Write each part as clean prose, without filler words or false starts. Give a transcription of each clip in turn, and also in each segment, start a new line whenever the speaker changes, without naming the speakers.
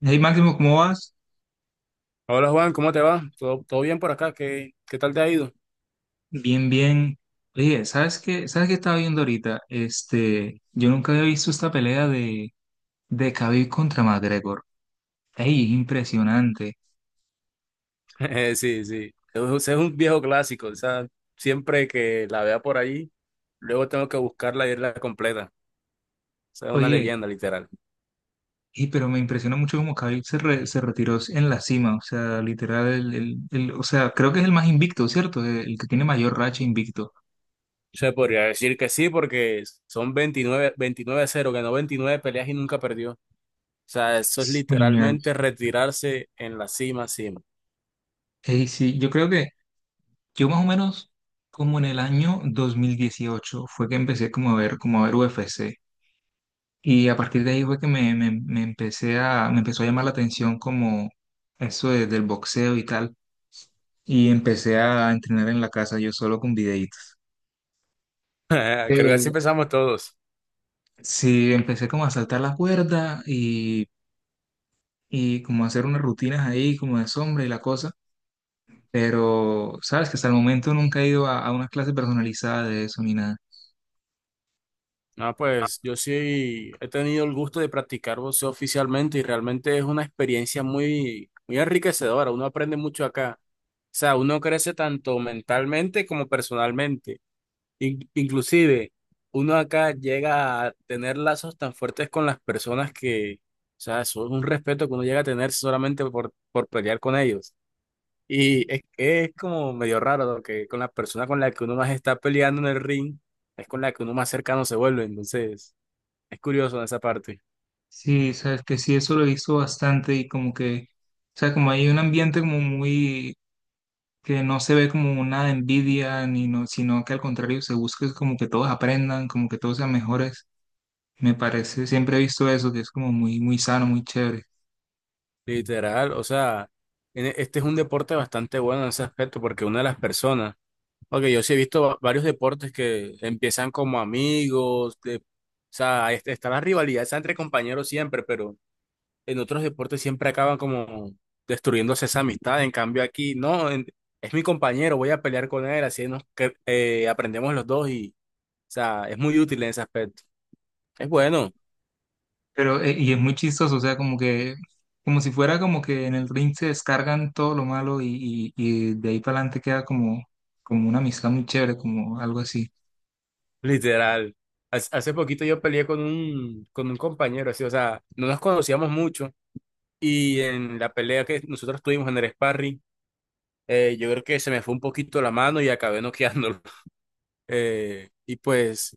Hey Máximo, ¿cómo vas?
Hola Juan, ¿cómo te va? ¿Todo bien por acá? ¿Qué tal te ha ido?
Bien, bien. Oye, ¿sabes qué? ¿Sabes qué estaba viendo ahorita? Yo nunca había visto esta pelea de Khabib contra McGregor. Ey, es impresionante.
Sí, sí. Es un viejo clásico. O sea, siempre que la vea por ahí, luego tengo que buscarla y irla completa. O sea, es una
Oye,
leyenda, literal.
y pero me impresiona mucho cómo Khabib se retiró en la cima. O sea, literal, o sea, creo que es el más invicto, ¿cierto? El que tiene mayor racha invicto.
Se podría decir que sí, porque son veintinueve 29-0, ganó 29 peleas y nunca perdió. O sea, eso es
Genial.
literalmente retirarse en la cima, cima.
Ey, sí, yo creo que yo más o menos como en el año 2018 fue que empecé como a ver UFC. Y a partir de ahí fue que me empecé a, me empezó a llamar la atención como del boxeo y tal. Y empecé a entrenar en la casa yo solo con videitos.
Creo que así
Eh,
empezamos todos.
sí, empecé como a saltar la cuerda y como a hacer unas rutinas ahí, como de sombra y la cosa. Pero, sabes que hasta el momento nunca he ido a una clase personalizada de eso ni nada.
No, pues yo sí he tenido el gusto de practicar boxeo oficialmente y realmente es una experiencia muy, muy enriquecedora. Uno aprende mucho acá. O sea, uno crece tanto mentalmente como personalmente. Inclusive, uno acá llega a tener lazos tan fuertes con las personas que, o sea, eso es un respeto que uno llega a tener solamente por pelear con ellos. Y es como medio raro, ¿no? Que con la persona con la que uno más está peleando en el ring, es con la que uno más cercano se vuelve. Entonces. Es curioso esa parte,
Sí, sabes que sí, eso lo he visto bastante y como que, o sea, como hay un ambiente como muy que no se ve como una envidia, ni no, sino que al contrario se busca es como que todos aprendan, como que todos sean mejores. Me parece, siempre he visto eso, que es como muy, muy sano, muy chévere.
literal. O sea, este es un deporte bastante bueno en ese aspecto porque una de las personas, ok, yo sí he visto varios deportes que empiezan como amigos, o sea, está la rivalidad está entre compañeros siempre, pero en otros deportes siempre acaban como destruyéndose esa amistad. En cambio aquí, no, es mi compañero, voy a pelear con él, así nos aprendemos los dos y, o sea, es muy útil en ese aspecto. Es bueno.
Pero, y es muy chistoso, o sea, como que, como si fuera como que en el ring se descargan todo lo malo y de ahí para adelante queda como, como una amistad muy chévere, como algo así.
Literal. Hace poquito yo peleé con un compañero, así, o sea, no nos conocíamos mucho y en la pelea que nosotros tuvimos en el sparring, yo creo que se me fue un poquito la mano y acabé noqueándolo. Y pues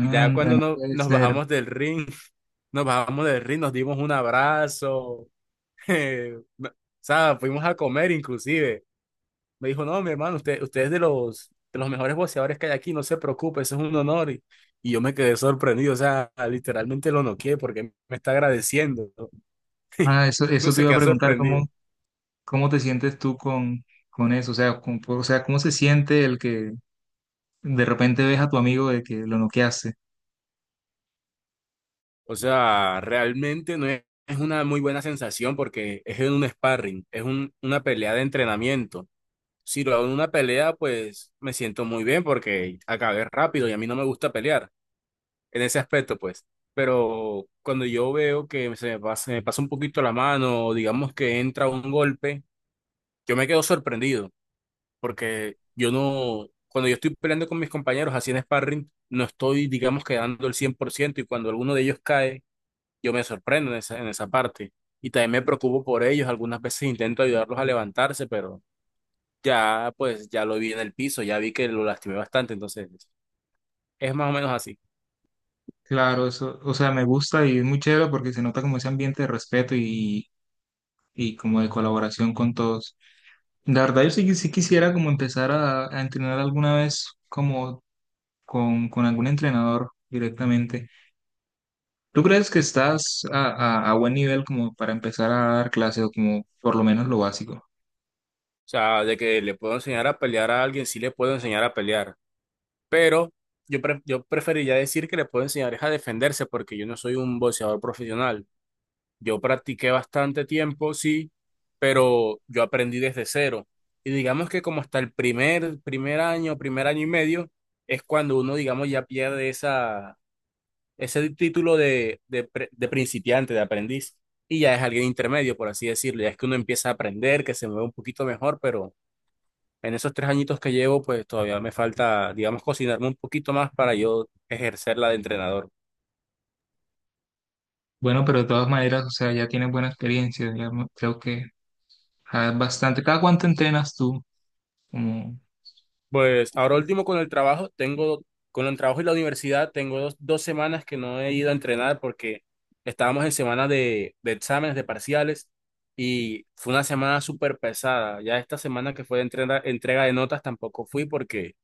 ya cuando
no
no,
puede
nos
ser.
bajamos del ring, nos bajamos del ring, nos dimos un abrazo, o sea, fuimos a comer inclusive. Me dijo, no, mi hermano, usted es de los mejores boxeadores que hay aquí, no se preocupe, eso es un honor. Y yo me quedé sorprendido, o sea, literalmente lo noqué porque me está agradeciendo.
Ah, eso,
No
eso te
se
iba a
queda
preguntar,
sorprendido.
¿cómo, cómo te sientes tú con eso? O sea, o sea, ¿cómo se siente el que de repente ves a tu amigo de que lo noqueaste.
O sea, realmente no es, es una muy buena sensación porque es en un sparring, es una pelea de entrenamiento. Si lo hago en una pelea, pues me siento muy bien porque acabé rápido y a mí no me gusta pelear, en ese aspecto, pues. Pero cuando yo veo que se me pasa un poquito la mano, o digamos que entra un golpe, yo me quedo sorprendido, porque yo no, cuando yo estoy peleando con mis compañeros así en sparring, no estoy, digamos, quedando el 100% y cuando alguno de ellos cae, yo me sorprendo en esa parte. Y también me preocupo por ellos, algunas veces intento ayudarlos a levantarse, pero ya, pues, ya lo vi en el piso, ya vi que lo lastimé bastante, entonces es más o menos así.
Claro, eso, o sea, me gusta y es muy chévere porque se nota como ese ambiente de respeto y como de colaboración con todos. La verdad, yo sí, sí quisiera como empezar a entrenar alguna vez como con algún entrenador directamente. ¿Tú crees que estás a buen nivel como para empezar a dar clases o como por lo menos lo básico?
O sea, de que le puedo enseñar a pelear a alguien, sí le puedo enseñar a pelear, pero yo preferiría decir que le puedo enseñar es a defenderse porque yo no soy un boxeador profesional. Yo practiqué bastante tiempo, sí, pero yo aprendí desde cero. Y digamos que como hasta el primer año y medio, es cuando uno, digamos, ya pierde ese título de principiante, de aprendiz, y ya es alguien intermedio, por así decirlo. Ya es que uno empieza a aprender, que se mueve un poquito mejor, pero. En esos tres añitos que llevo, pues todavía me falta, digamos, cocinarme un poquito más para yo ejercerla de entrenador.
Bueno, pero de todas maneras, o sea, ya tienes buena experiencia, creo que ah, bastante. ¿Cada cuánto entrenas tú? Como
Pues ahora último con el trabajo y la universidad, tengo dos semanas que no he ido a entrenar porque estábamos en semana de exámenes, de parciales, y fue una semana súper pesada. Ya esta semana que fue de entrega de notas tampoco fui porque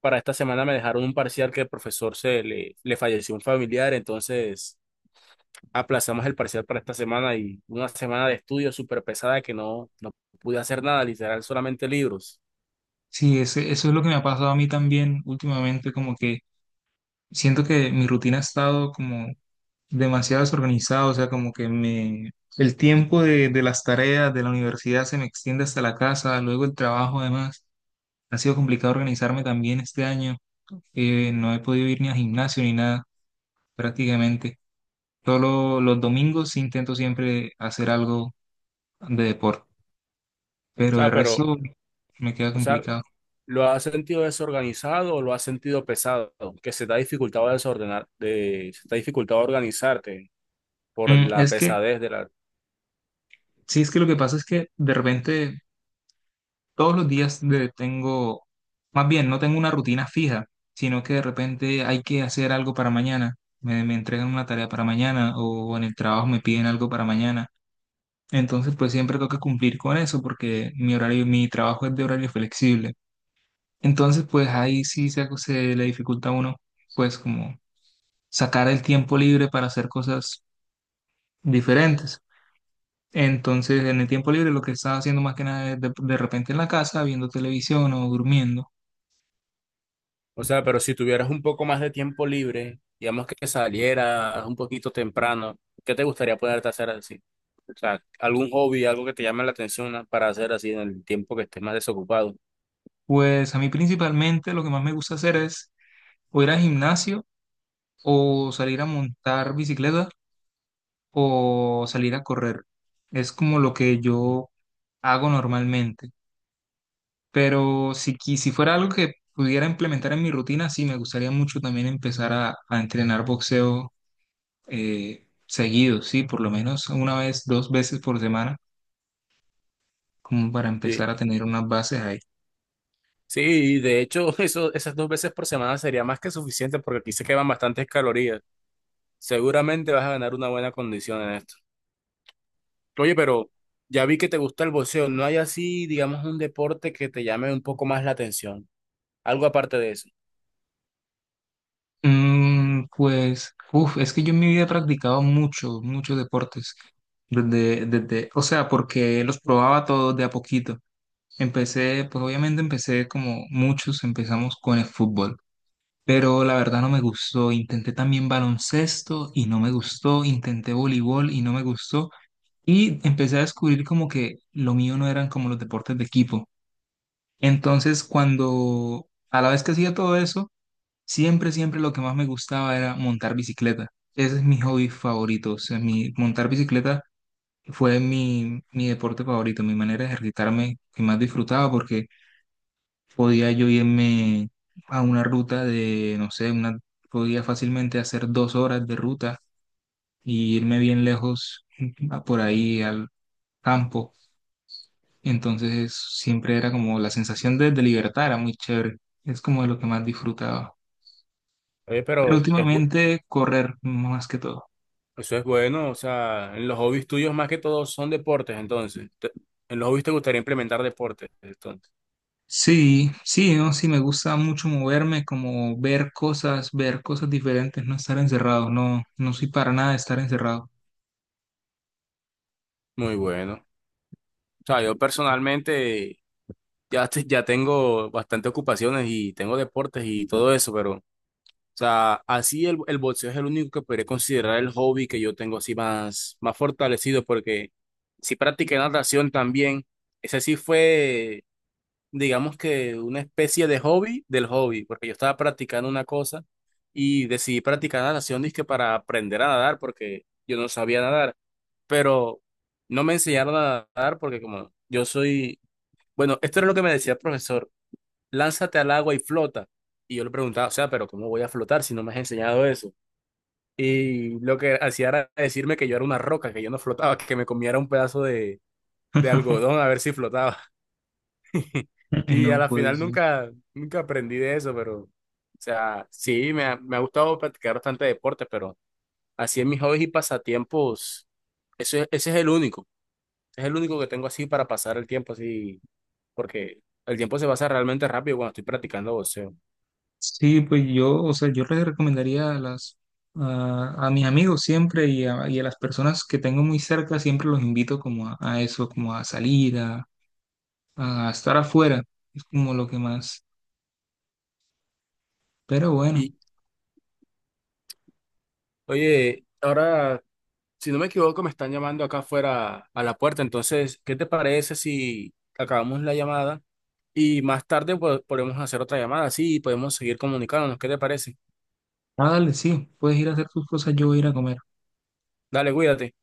para esta semana me dejaron un parcial que el profesor se le falleció un familiar, entonces aplazamos el parcial para esta semana y una semana de estudio súper pesada que no pude hacer nada, literal, solamente libros.
sí, eso es lo que me ha pasado a mí también últimamente, como que siento que mi rutina ha estado como demasiado desorganizada, o sea, como que me, el tiempo de las tareas de la universidad se me extiende hasta la casa, luego el trabajo además, ha sido complicado organizarme también este año, no he podido ir ni al gimnasio ni nada prácticamente, solo los domingos sí intento siempre hacer algo de deporte,
O
pero de
sea, pero,
resto me queda
o sea,
complicado.
¿lo has sentido desorganizado o lo has sentido pesado? Que se te ha dificultado desordenar, se te ha dificultado organizarte por la
Es que,
pesadez de la.
sí, es que lo que pasa es que de repente todos los días tengo, más bien, no tengo una rutina fija, sino que de repente hay que hacer algo para mañana. Me entregan una tarea para mañana o en el trabajo me piden algo para mañana. Entonces, pues siempre tengo que cumplir con eso porque mi horario, mi trabajo es de horario flexible. Entonces, pues ahí sí se le dificulta a uno, pues como sacar el tiempo libre para hacer cosas diferentes. Entonces, en el tiempo libre lo que estaba haciendo más que nada es de repente en la casa, viendo televisión o durmiendo.
O sea, pero si tuvieras un poco más de tiempo libre, digamos que salieras un poquito temprano, ¿qué te gustaría poderte hacer así? O sea, algún hobby, algo que te llame la atención, ¿no? Para hacer así en el tiempo que estés más desocupado.
Pues a mí principalmente lo que más me gusta hacer es o ir al gimnasio o salir a montar bicicleta o salir a correr. Es como lo que yo hago normalmente. Pero si, si fuera algo que pudiera implementar en mi rutina, sí, me gustaría mucho también empezar a entrenar boxeo seguido, sí, por lo menos una vez, dos veces por semana, como para
Sí.
empezar a tener unas bases ahí.
Sí, de hecho, esas dos veces por semana sería más que suficiente porque aquí se queman bastantes calorías. Seguramente vas a ganar una buena condición en esto. Oye, pero ya vi que te gusta el boxeo. ¿No hay así, digamos, un deporte que te llame un poco más la atención? Algo aparte de eso.
Pues, uf, es que yo en mi vida he practicado mucho, muchos deportes. O sea, porque los probaba todos de a poquito. Empecé, pues obviamente empecé como muchos, empezamos con el fútbol. Pero la verdad no me gustó. Intenté también baloncesto y no me gustó. Intenté voleibol y no me gustó. Y empecé a descubrir como que lo mío no eran como los deportes de equipo. Entonces, cuando a la vez que hacía todo eso, siempre, siempre lo que más me gustaba era montar bicicleta. Ese es mi hobby favorito. O sea, mi, montar bicicleta fue mi, mi deporte favorito, mi manera de ejercitarme que más disfrutaba porque podía yo irme a una ruta de, no sé, una, podía fácilmente hacer 2 horas de ruta y irme bien lejos a por ahí al campo. Entonces siempre era como la sensación de libertad, era muy chévere. Es como de lo que más disfrutaba.
Oye,
Pero
pero
últimamente correr más que todo.
eso es bueno. O sea, en los hobbies tuyos más que todo son deportes, entonces. En los hobbies te gustaría implementar deportes, entonces.
Sí, sí, no, sí, me gusta mucho moverme, como ver cosas diferentes, no estar encerrado, no, no soy para nada de estar encerrado.
Muy bueno. O sea, yo personalmente. Ya tengo bastantes ocupaciones y tengo deportes y todo eso, pero, o sea, así el boxeo es el único que podría considerar el hobby que yo tengo así más, más fortalecido, porque sí practiqué natación también. Ese sí fue, digamos que una especie de hobby del hobby, porque yo estaba practicando una cosa y decidí practicar natación, dizque para aprender a nadar, porque yo no sabía nadar, pero no me enseñaron a nadar porque como yo soy, bueno, esto era lo que me decía el profesor lánzate al agua y flota. Y yo le preguntaba, o sea, pero ¿cómo voy a flotar si no me has enseñado eso? Y lo que hacía era decirme que yo era una roca, que yo no flotaba, que me comiera un pedazo de algodón a ver si flotaba. Y a
No
la
puede
final
ser.
nunca, nunca aprendí de eso, pero, o sea, sí, me ha gustado practicar bastante deportes, pero así en mis hobbies y pasatiempos, ese es el único que tengo así para pasar el tiempo así, porque el tiempo se pasa realmente rápido cuando estoy practicando boxeo.
Sí, pues yo, o sea, yo les recomendaría a las, a mis amigos siempre y a las personas que tengo muy cerca, siempre los invito como a eso, como a salir, a estar afuera, es como lo que más. Pero bueno,
¿Y Oye, ahora, si no me equivoco, me están llamando acá afuera a la puerta. Entonces, ¿qué te parece si acabamos la llamada y más tarde, pues, podemos hacer otra llamada? Sí, podemos seguir comunicándonos. ¿Qué te parece?
ah, dale, sí, puedes ir a hacer tus cosas, yo voy a ir a comer.
Dale, cuídate.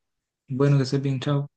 Bueno, que estés bien, chao.